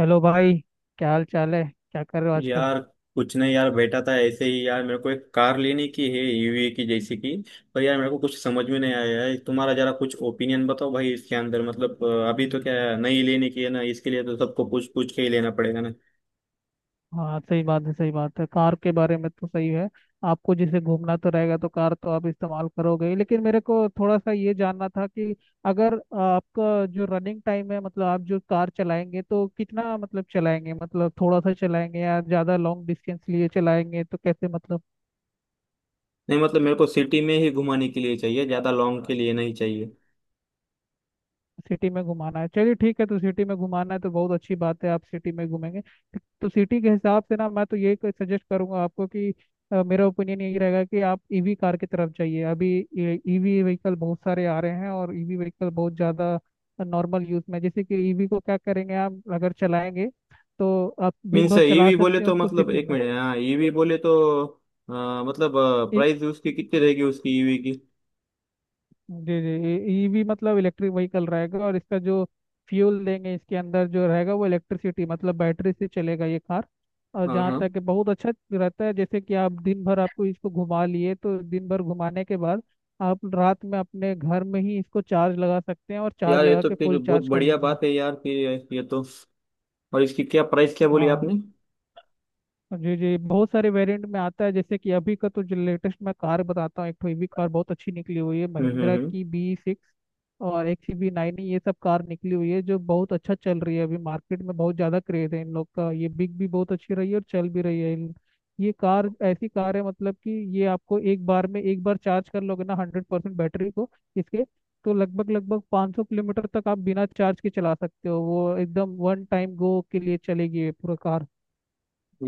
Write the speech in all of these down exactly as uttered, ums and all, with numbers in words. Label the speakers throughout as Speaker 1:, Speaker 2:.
Speaker 1: Hello भाई। क्या हाल चाल है? क्या कर रहे हो आजकल?
Speaker 2: यार, कुछ नहीं यार, बैठा था ऐसे ही। यार, मेरे को एक कार लेने की है, ईवी की जैसी की। पर यार, मेरे को कुछ समझ में नहीं आया है। तुम्हारा जरा कुछ ओपिनियन बताओ भाई, इसके अंदर मतलब अ, अभी तो क्या है, नई लेने की है ना, इसके लिए तो सबको पूछ पूछ के ही लेना पड़ेगा ना।
Speaker 1: हाँ, सही बात है, सही बात है। कार के बारे में तो सही है। आपको जैसे घूमना तो रहेगा तो कार तो आप इस्तेमाल करोगे ही। लेकिन मेरे को थोड़ा सा ये जानना था कि अगर आपका जो रनिंग टाइम है मतलब आप जो कार चलाएंगे तो कितना मतलब चलाएंगे, मतलब थोड़ा सा चलाएंगे या ज़्यादा लॉन्ग डिस्टेंस लिए चलाएंगे तो कैसे मतलब।
Speaker 2: नहीं, मतलब मेरे को सिटी में ही घुमाने के लिए चाहिए, ज्यादा लॉन्ग के लिए नहीं चाहिए।
Speaker 1: सिटी में घुमाना है, चलिए ठीक है। तो सिटी में घुमाना है तो बहुत अच्छी बात है, आप सिटी में घूमेंगे। तो सिटी के हिसाब से ना मैं तो ये सजेस्ट करूंगा आपको कि अ, मेरा ओपिनियन यही रहेगा कि आप ईवी कार की तरफ जाइए अभी। ईवी व्हीकल बहुत सारे आ रहे हैं और ईवी व्हीकल बहुत ज़्यादा नॉर्मल यूज़ में। जैसे कि ईवी को क्या करेंगे आप अगर चलाएंगे तो आप दिन
Speaker 2: मीन्स
Speaker 1: भर चला
Speaker 2: ईवी बोले
Speaker 1: सकते हैं
Speaker 2: तो
Speaker 1: उसको
Speaker 2: मतलब,
Speaker 1: सिटी
Speaker 2: एक
Speaker 1: में।
Speaker 2: मिनट, हाँ, ईवी बोले तो अ, मतलब प्राइस उसकी कितनी रहेगी, उसकी ईवी की।
Speaker 1: जी जी, ये ये भी मतलब इलेक्ट्रिक व्हीकल रहेगा और इसका जो फ्यूल देंगे इसके अंदर जो रहेगा वो इलेक्ट्रिसिटी, मतलब बैटरी से चलेगा ये कार। और
Speaker 2: हाँ
Speaker 1: जहाँ
Speaker 2: हाँ,
Speaker 1: तक कि बहुत अच्छा रहता है, जैसे कि आप दिन भर आपको इसको घुमा लिए तो दिन भर घुमाने के बाद आप रात में अपने घर में ही इसको चार्ज लगा सकते हैं और चार्ज
Speaker 2: यार ये
Speaker 1: लगा
Speaker 2: तो
Speaker 1: के
Speaker 2: फिर
Speaker 1: फुल
Speaker 2: बहुत
Speaker 1: चार्ज कर
Speaker 2: बढ़िया
Speaker 1: लीजिए।
Speaker 2: बात है यार, फिर ये तो। और इसकी क्या प्राइस, क्या
Speaker 1: हाँ
Speaker 2: बोली
Speaker 1: हाँ।
Speaker 2: आपने?
Speaker 1: जी जी, बहुत सारे वेरिएंट में आता है। जैसे कि अभी का तो जो लेटेस्ट मैं कार बताता हूँ, एक तो ईवी कार बहुत अच्छी निकली हुई है
Speaker 2: हम्म हम्म
Speaker 1: महिंद्रा
Speaker 2: हम्म।
Speaker 1: की बी सिक्स और एक सी बी नाइन। ये सब कार निकली हुई है जो बहुत अच्छा चल रही है अभी मार्केट में, बहुत ज़्यादा क्रेज है इन लोग का, ये बिक भी बहुत अच्छी रही है और चल भी रही है। इन- ये कार ऐसी कार है मतलब कि ये आपको एक बार में, एक बार चार्ज कर लोगे ना हंड्रेड परसेंट बैटरी को इसके, तो लगभग लगभग पाँच सौ किलोमीटर तक आप बिना चार्ज के चला सकते हो, वो एकदम वन टाइम गो के लिए चलेगी ये पूरा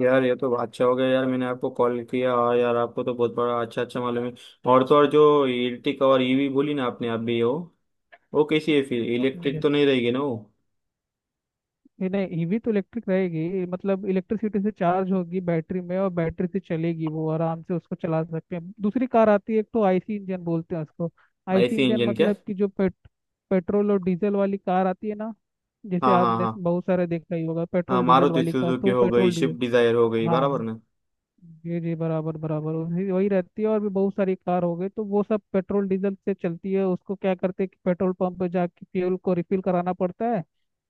Speaker 2: यार, ये तो अच्छा हो गया यार, मैंने आपको कॉल किया, और यार आपको तो बहुत बड़ा अच्छा अच्छा मालूम है। और तो और, जो इलेक्ट्रिक और ईवी बोली ना आपने, आप भी हो वो वो कैसी है फिर,
Speaker 1: कार।
Speaker 2: इलेक्ट्रिक तो नहीं रहेगी ना वो?
Speaker 1: नहीं नहीं, ईवी तो इलेक्ट्रिक रहेगी, मतलब इलेक्ट्रिसिटी से चार्ज होगी बैटरी में और बैटरी से चलेगी, वो आराम से उसको चला सकते हैं। दूसरी कार आती है, एक तो आईसी इंजन बोलते हैं उसको। आईसी
Speaker 2: ऐसी
Speaker 1: इंजन
Speaker 2: इंजन क्या?
Speaker 1: मतलब कि जो पेट, पेट्रोल और डीजल वाली कार आती है ना। जैसे
Speaker 2: हाँ हाँ
Speaker 1: आपने
Speaker 2: हाँ।
Speaker 1: बहुत सारे देखा ही होगा
Speaker 2: हाँ,
Speaker 1: पेट्रोल डीजल
Speaker 2: मारुति
Speaker 1: वाली कार,
Speaker 2: सुजुकी
Speaker 1: तो
Speaker 2: हो गई,
Speaker 1: पेट्रोल
Speaker 2: स्विफ्ट
Speaker 1: डीजल।
Speaker 2: डिजायर हो गई, बराबर
Speaker 1: हाँ
Speaker 2: ना?
Speaker 1: जी जी, बराबर बराबर, वही वही रहती है, और भी बहुत सारी कार हो गई। तो वो सब पेट्रोल डीजल से चलती है, उसको क्या करते हैं कि पेट्रोल पंप पे जाके फ्यूल को रिफिल कराना पड़ता है,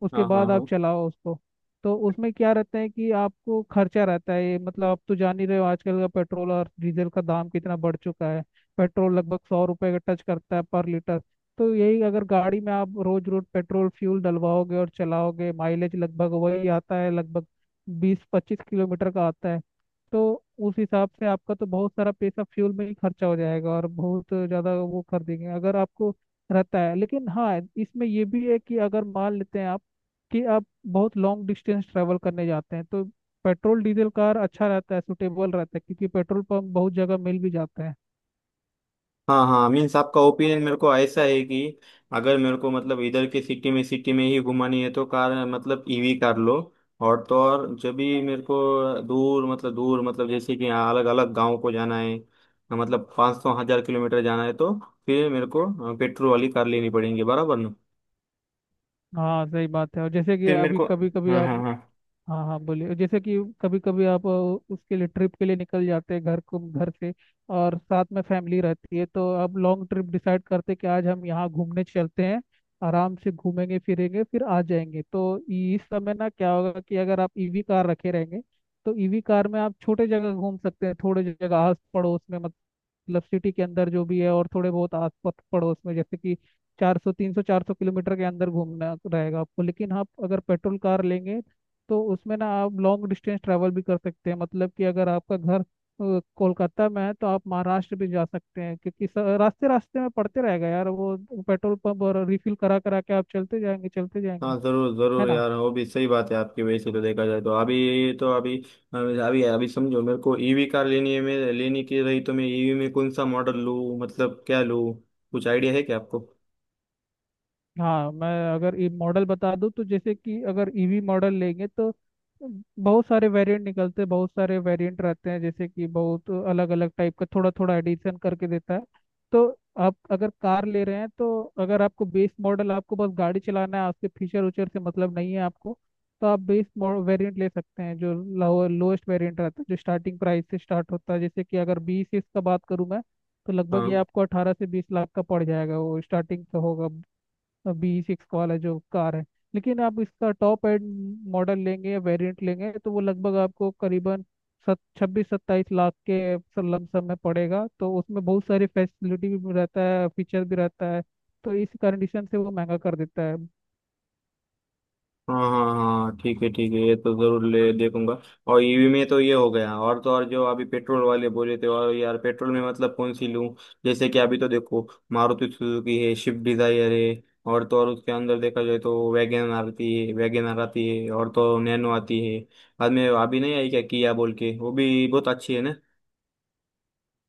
Speaker 1: उसके
Speaker 2: हाँ हाँ
Speaker 1: बाद आप
Speaker 2: हाँ
Speaker 1: चलाओ उसको। तो उसमें क्या रहता है कि आपको खर्चा रहता है ये, मतलब आप तो जान ही रहे हो आजकल का पेट्रोल और डीजल का दाम कितना बढ़ चुका है। पेट्रोल लगभग सौ रुपये का टच करता है पर लीटर। तो यही अगर गाड़ी में आप रोज रोज पेट्रोल फ्यूल डलवाओगे और चलाओगे, माइलेज लगभग वही आता है, लगभग बीस पच्चीस किलोमीटर का आता है। तो उस हिसाब से आपका तो बहुत सारा पैसा फ्यूल में ही खर्चा हो जाएगा और बहुत ज़्यादा वो कर देंगे अगर आपको रहता है। लेकिन हाँ, इसमें ये भी है कि अगर मान लेते हैं आप कि आप बहुत लॉन्ग डिस्टेंस ट्रैवल करने जाते हैं तो पेट्रोल डीजल कार अच्छा रहता है, सुटेबल रहता है क्योंकि पेट्रोल पंप बहुत जगह मिल भी जाता है।
Speaker 2: हाँ हाँ, मीन्स आपका ओपिनियन मेरे को ऐसा है कि अगर मेरे को मतलब इधर के सिटी में, सिटी में ही घुमानी है तो कार मतलब ईवी कार लो। और तो और, जब भी मेरे को दूर मतलब, दूर मतलब, जैसे कि अलग अलग गांव को जाना है, मतलब पाँच सौ हजार किलोमीटर जाना है, तो फिर मेरे को पेट्रोल वाली कार लेनी पड़ेगी, बराबर ना?
Speaker 1: हाँ सही बात है। और जैसे कि
Speaker 2: फिर मेरे
Speaker 1: अभी
Speaker 2: को
Speaker 1: कभी कभी
Speaker 2: हाँ
Speaker 1: आप,
Speaker 2: हाँ हाँ
Speaker 1: हाँ हाँ बोलिए, जैसे कि कभी कभी आप अ, उसके लिए ट्रिप के लिए निकल जाते हैं घर को, घर से, और साथ में फैमिली रहती है तो आप लॉन्ग ट्रिप डिसाइड करते हैं कि आज हम यहाँ घूमने चलते हैं, आराम से घूमेंगे फिरेंगे फिर आ जाएंगे। तो इस समय ना क्या होगा कि अगर आप ईवी कार रखे रहेंगे तो ईवी कार में आप छोटे जगह घूम सकते हैं, थोड़े जगह आस पड़ोस में, मतलब सिटी के अंदर जो भी है, और थोड़े बहुत आस पत- पड़ोस में, जैसे कि चार सौ तीन सौ चार सौ किलोमीटर के अंदर घूमना रहेगा आपको। लेकिन आप अगर पेट्रोल कार लेंगे तो उसमें ना आप लॉन्ग डिस्टेंस ट्रैवल भी कर सकते हैं, मतलब कि अगर आपका घर अ, कोलकाता में है तो आप महाराष्ट्र भी जा सकते हैं, क्योंकि स- रास्ते रास्ते में पड़ते रहेगा यार वो पेट्रोल पंप, और रिफिल करा करा के आप चलते जाएंगे चलते जाएंगे।
Speaker 2: हाँ, जरूर
Speaker 1: है
Speaker 2: जरूर
Speaker 1: ना?
Speaker 2: यार, वो भी सही बात है आपकी। वैसे तो देखा जाए तो, अभी तो अभी अभी अभी समझो, मेरे को ईवी कार लेनी है, मैं लेने की रही, तो मैं ईवी में कौन सा मॉडल लूँ, मतलब क्या लूँ? कुछ आइडिया है क्या आपको?
Speaker 1: हाँ, मैं अगर ई मॉडल बता दूं तो जैसे कि अगर ईवी मॉडल लेंगे तो बहुत सारे वेरिएंट निकलते हैं, बहुत सारे वेरिएंट रहते हैं। जैसे कि बहुत अलग अलग टाइप का थोड़ा थोड़ा एडिशन करके देता है। तो आप अगर कार ले रहे हैं तो अगर आपको बेस मॉडल, आपको बस गाड़ी चलाना है उसके फीचर उचर से मतलब नहीं है आपको, तो आप बेस वेरिएंट ले सकते हैं, जो लोएस्ट वेरिएंट रहता है जो स्टार्टिंग प्राइस से स्टार्ट होता है। जैसे कि अगर बीस इसका बात करूं मैं तो लगभग ये
Speaker 2: हाँ
Speaker 1: आपको अठारह से बीस लाख का पड़ जाएगा, वो स्टार्टिंग का होगा, बी सिक्स वाला जो कार है। लेकिन आप इसका टॉप एंड मॉडल लेंगे या वेरिएंट लेंगे तो वो लगभग आपको करीबन सत छब्बीस सत्ताईस लाख के लमसम में पड़ेगा। तो उसमें बहुत सारी फैसिलिटी भी रहता है, फीचर भी रहता है, तो इस कंडीशन से वो महंगा कर देता है।
Speaker 2: हाँ हाँ हाँ हाँ, ठीक है ठीक है, ये तो जरूर ले देखूंगा। और ईवी में तो ये हो गया, और तो और जो अभी पेट्रोल वाले बोले थे, और यार पेट्रोल में मतलब कौन सी लूं? जैसे कि अभी तो देखो, मारुति सुजुकी है, स्विफ्ट डिजायर है, और तो और उसके अंदर देखा जाए तो वैगन आती है, वैगन आती है, और तो नैनो आती है। बाद में अभी नहीं आई क्या, किया बोल के वो भी बहुत अच्छी है ना?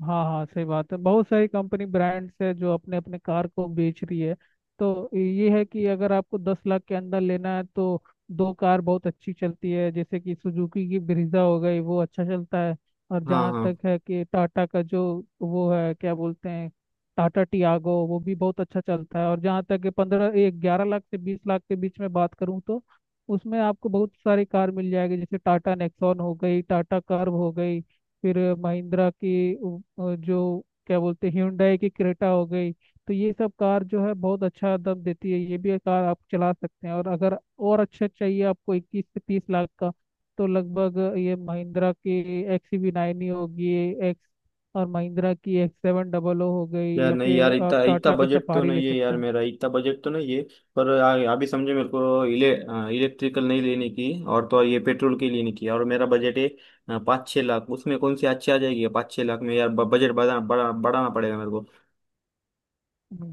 Speaker 1: हाँ हाँ सही बात है, बहुत सारी कंपनी ब्रांड्स है जो अपने अपने कार को बेच रही है। तो ये है कि अगर आपको दस लाख के अंदर लेना है तो दो कार बहुत अच्छी चलती है, जैसे कि सुजुकी की ब्रीजा हो गई, वो अच्छा चलता है। और
Speaker 2: हाँ
Speaker 1: जहाँ
Speaker 2: हाँ,
Speaker 1: तक है कि टाटा का जो वो है, क्या बोलते हैं, टाटा टियागो, वो भी बहुत अच्छा चलता है। और जहाँ तक कि पंद्रह एक ग्यारह लाख से बीस लाख के बीच में बात करूँ तो उसमें आपको बहुत सारी कार मिल जाएगी, जैसे टाटा नेक्सॉन हो गई, टाटा कर्व हो गई, फिर महिंद्रा की उ- अ, जो क्या बोलते हैं, ह्यूंडई की क्रेटा हो गई। तो ये सब कार जो है बहुत अच्छा दम देती है, ये भी एक कार आप चला सकते हैं। और अगर और अच्छा चाहिए आपको, इक्कीस से तीस लाख का, तो लगभग ये महिंद्रा की एक्स वी नाइन ही होगी, एक्स, और महिंद्रा की एक्स सेवन डबल ओ हो गई,
Speaker 2: यार
Speaker 1: या
Speaker 2: नहीं
Speaker 1: फिर
Speaker 2: यार,
Speaker 1: आप
Speaker 2: इतना इतना
Speaker 1: टाटा का
Speaker 2: बजट तो
Speaker 1: सफारी ले
Speaker 2: नहीं है
Speaker 1: सकते
Speaker 2: यार,
Speaker 1: हैं।
Speaker 2: मेरा इतना बजट तो नहीं है। पर आ- अभी समझे, मेरे को इले इलेक्ट्रिकल नहीं लेने की, और तो और ये पेट्रोल के लेने की। और मेरा बजट है अ, पाँच छः लाख, उसमें कौन सी अच्छी आ जाएगी पाँच छः लाख में यार? ब- बजट बढ़ा बड़ा बढ़ाना पड़ेगा मेरे को।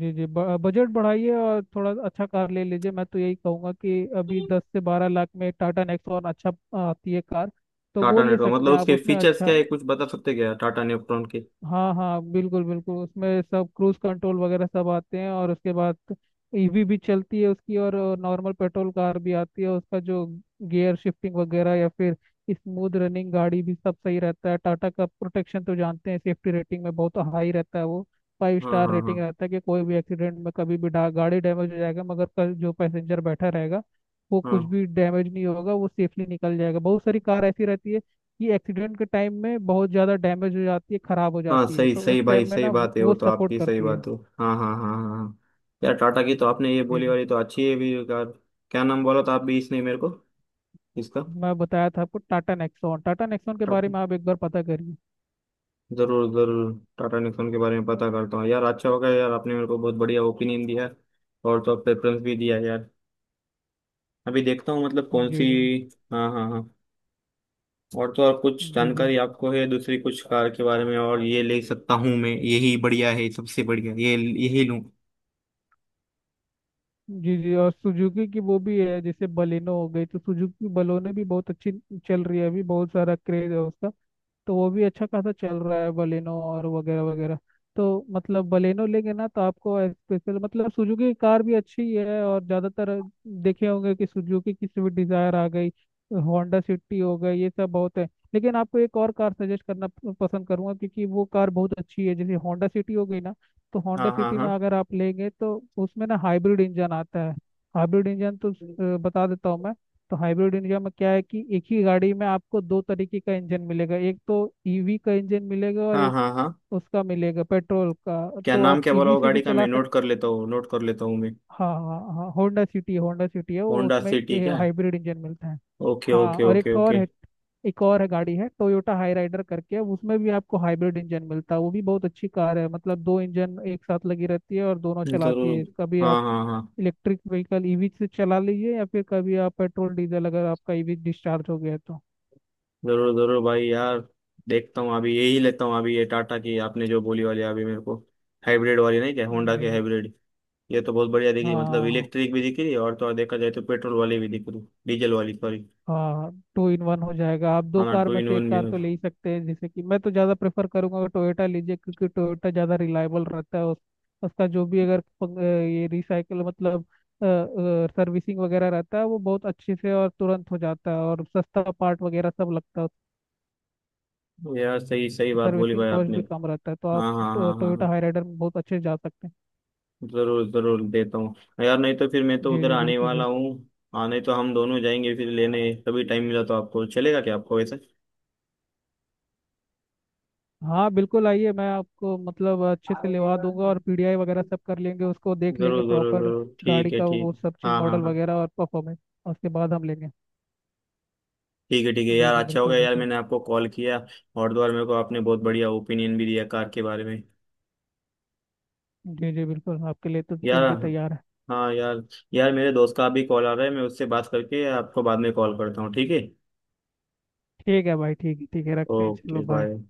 Speaker 1: जी जी, ब- बजट बढ़ाइए और थोड़ा अच्छा कार ले लीजिए। मैं तो यही कहूँगा कि अभी दस से बारह लाख में टाटा नेक्सॉन अच्छा आती है कार, तो वो
Speaker 2: टाटा
Speaker 1: ले
Speaker 2: नेक्ट्रॉन
Speaker 1: सकते
Speaker 2: मतलब
Speaker 1: हैं आप,
Speaker 2: उसके
Speaker 1: उसमें
Speaker 2: फीचर्स
Speaker 1: अच्छा।
Speaker 2: क्या है, कुछ बता सकते क्या टाटा नेक्ट्रॉन के?
Speaker 1: हाँ हाँ बिल्कुल बिल्कुल, उसमें सब क्रूज कंट्रोल वगैरह सब आते हैं, और उसके बाद ईवी भी चलती है उसकी, और नॉर्मल पेट्रोल कार भी आती है। उसका जो गियर शिफ्टिंग वगैरह, या फिर स्मूथ रनिंग गाड़ी, भी सब सही रहता है। टाटा का प्रोटेक्शन तो जानते हैं, सेफ्टी रेटिंग में बहुत हाई रहता है वो, फाइव
Speaker 2: हाँ
Speaker 1: स्टार
Speaker 2: हाँ
Speaker 1: रेटिंग
Speaker 2: हाँ
Speaker 1: रहता है। कि कोई भी एक्सीडेंट में कभी भी डा- गाड़ी डैमेज हो जाएगा मगर कल जो पैसेंजर बैठा रहेगा वो कुछ
Speaker 2: हाँ
Speaker 1: भी डैमेज नहीं होगा, वो सेफली निकल जाएगा। बहुत सारी कार ऐसी रहती है कि एक्सीडेंट के टाइम में बहुत ज़्यादा डैमेज हो जाती है, ख़राब हो
Speaker 2: हाँ,
Speaker 1: जाती है,
Speaker 2: सही
Speaker 1: तो
Speaker 2: सही
Speaker 1: उस
Speaker 2: भाई,
Speaker 1: टाइम में
Speaker 2: सही
Speaker 1: ना वो,
Speaker 2: बात है, वो
Speaker 1: वो
Speaker 2: तो
Speaker 1: सपोर्ट
Speaker 2: आपकी सही
Speaker 1: करती है।
Speaker 2: बात हो, हाँ हाँ हाँ हाँ हाँ। यार, टाटा की तो आपने ये
Speaker 1: जी
Speaker 2: बोली
Speaker 1: जी,
Speaker 2: वाली तो अच्छी है भी कार। क्या नाम बोला था आप भी, इसने मेरे को इसका?
Speaker 1: मैं बताया था आपको टाटा नेक्सॉन, टाटा नेक्सॉन के बारे
Speaker 2: टा-
Speaker 1: में आप एक बार पता करिए।
Speaker 2: जरूर जरूर, टाटा निक्सन के बारे में पता करता हूँ यार, अच्छा होगा यार, आपने मेरे को बहुत बढ़िया ओपिनियन दिया है, और तो प्रेफरेंस भी दिया है यार। अभी देखता हूँ मतलब
Speaker 1: हाँ,
Speaker 2: कौन सी।
Speaker 1: जी जी।
Speaker 2: हाँ हाँ हाँ, और तो और कुछ
Speaker 1: जी जी,
Speaker 2: जानकारी आपको है दूसरी कुछ कार के बारे में, और ये ले सकता हूँ मैं, यही बढ़िया है, सबसे बढ़िया ये, यही लूँ?
Speaker 1: जी जी और सुजुकी की वो भी है जैसे बलेनो हो गई, तो सुजुकी बलोने भी बहुत अच्छी चल रही है अभी, बहुत सारा क्रेज है उसका। तो वो भी अच्छा खासा चल रहा है बलेनो, और वगैरह वगैरह। तो मतलब बलेनो लेंगे ना तो आपको स्पेशल, मतलब सुजुकी की कार भी अच्छी ही है। और ज़्यादातर देखे होंगे कि सुजुकी की स्विफ्ट डिज़ायर आ गई, होंडा सिटी हो गई, ये सब बहुत है। लेकिन आपको एक और कार सजेस्ट करना प- पसंद करूंगा क्योंकि वो कार बहुत अच्छी है, जैसे होंडा सिटी हो गई ना। तो होंडा
Speaker 2: हाँ हाँ
Speaker 1: सिटी में
Speaker 2: हाँ
Speaker 1: अगर आप लेंगे तो उसमें ना हाइब्रिड इंजन आता है। हाइब्रिड इंजन तो अ, बता देता हूँ मैं। तो हाइब्रिड इंडिया में क्या है कि एक ही गाड़ी में आपको दो तरीके का इंजन मिलेगा, एक तो ईवी का इंजन मिलेगा और
Speaker 2: हाँ
Speaker 1: एक
Speaker 2: हाँ हाँ,
Speaker 1: उसका मिलेगा पेट्रोल का।
Speaker 2: क्या
Speaker 1: तो
Speaker 2: नाम,
Speaker 1: आप
Speaker 2: क्या बोला
Speaker 1: ईवी
Speaker 2: वो
Speaker 1: से भी
Speaker 2: गाड़ी का, मैं
Speaker 1: चला
Speaker 2: नोट
Speaker 1: सकते।
Speaker 2: कर लेता हूँ, नोट कर लेता हूँ मैं।
Speaker 1: हाँ हाँ हाँ, होंडा सिटी, होंडा सिटी है वो,
Speaker 2: होंडा
Speaker 1: उसमें
Speaker 2: सिटी क्या?
Speaker 1: हाइब्रिड इंजन मिलता है।
Speaker 2: ओके
Speaker 1: हाँ,
Speaker 2: ओके
Speaker 1: और एक
Speaker 2: ओके
Speaker 1: तो और
Speaker 2: ओके।
Speaker 1: है, एक और है गाड़ी, है टोयोटा हाई राइडर करके, उसमें भी आपको हाइब्रिड इंजन मिलता है, वो भी बहुत अच्छी कार है। मतलब दो इंजन एक साथ लगी रहती है और दोनों चलाती
Speaker 2: जरूर,
Speaker 1: है। कभी
Speaker 2: हाँ
Speaker 1: आप
Speaker 2: हाँ हाँ।
Speaker 1: इलेक्ट्रिक व्हीकल ईवी से चला लीजिए या फिर कभी आप पेट्रोल डीजल, अगर आपका ईवी डिस्चार्ज हो गया है तो।
Speaker 2: जरूर जरूर भाई यार, देखता हूँ अभी यही लेता हूँ, अभी ये टाटा की आपने जो बोली वाली, अभी मेरे को हाइब्रिड वाली नहीं क्या, होंडा के
Speaker 1: जी,
Speaker 2: हाइब्रिड? ये तो बहुत बढ़िया दिख रही, मतलब
Speaker 1: हाँ
Speaker 2: इलेक्ट्रिक भी दिख रही है, और तो और देखा जाए तो पेट्रोल वाली भी दिख रही, डीजल वाली, सॉरी।
Speaker 1: हाँ टू इन वन हो जाएगा, आप
Speaker 2: हाँ
Speaker 1: दो
Speaker 2: ना,
Speaker 1: कार
Speaker 2: टू
Speaker 1: में
Speaker 2: इन
Speaker 1: से एक
Speaker 2: वन भी
Speaker 1: कार
Speaker 2: है।
Speaker 1: तो ले ही सकते हैं। जैसे कि मैं तो ज़्यादा प्रेफर करूंगा टोयोटा लीजिए क्योंकि टोयोटा ज़्यादा रिलायबल रहता है, उस, उसका जो भी, अगर प- ये रिसाइकल मतलब सर्विसिंग वगैरह रहता है, वो बहुत अच्छे से और तुरंत हो जाता है, और सस्ता पार्ट वगैरह सब लगता है,
Speaker 2: तो यार, सही सही बात बोली
Speaker 1: सर्विसिंग
Speaker 2: भाई
Speaker 1: कॉस्ट
Speaker 2: आपने।
Speaker 1: भी कम रहता है। तो आप
Speaker 2: हाँ हाँ
Speaker 1: टो,
Speaker 2: हाँ हाँ
Speaker 1: टोयोटा
Speaker 2: हाँ,
Speaker 1: हाईराइडर में बहुत अच्छे से जा सकते हैं।
Speaker 2: जरूर जरूर देता हूँ। यार, नहीं तो फिर मैं तो
Speaker 1: जी
Speaker 2: उधर
Speaker 1: जी
Speaker 2: आने
Speaker 1: बिल्कुल
Speaker 2: वाला
Speaker 1: बिल्कुल।
Speaker 2: हूँ। हाँ, नहीं तो हम दोनों जाएंगे फिर लेने, कभी टाइम मिला तो। आपको चलेगा क्या आपको वैसे?
Speaker 1: हाँ बिल्कुल आइए, मैं आपको मतलब अच्छे से लिवा दूंगा और पीडीआई वगैरह सब कर लेंगे, उसको देख लेंगे
Speaker 2: जरूर जरूर
Speaker 1: प्रॉपर
Speaker 2: जरूर, ठीक
Speaker 1: गाड़ी
Speaker 2: है
Speaker 1: का
Speaker 2: ठीक
Speaker 1: वो
Speaker 2: है।
Speaker 1: सब चीज़,
Speaker 2: हाँ हाँ
Speaker 1: मॉडल
Speaker 2: हाँ,
Speaker 1: वगैरह और परफॉर्मेंस, उसके बाद हम लेंगे।
Speaker 2: ठीक है ठीक है
Speaker 1: जी
Speaker 2: यार,
Speaker 1: जी
Speaker 2: अच्छा हो
Speaker 1: बिल्कुल
Speaker 2: गया यार,
Speaker 1: बिल्कुल।
Speaker 2: मैंने आपको कॉल किया, और द्वार मेरे को आपने बहुत बढ़िया ओपिनियन भी दिया कार के बारे में
Speaker 1: जी जी बिल्कुल, आपके लिए तो
Speaker 2: यार।
Speaker 1: कुछ भी तैयार है।
Speaker 2: हाँ यार। यार, मेरे दोस्त का अभी कॉल आ रहा है, मैं उससे बात करके आपको बाद में कॉल करता हूँ, ठीक है?
Speaker 1: ठीक है भाई, ठीक है, ठीक है, रखते हैं, चलो
Speaker 2: ओके
Speaker 1: बाय।
Speaker 2: बाय।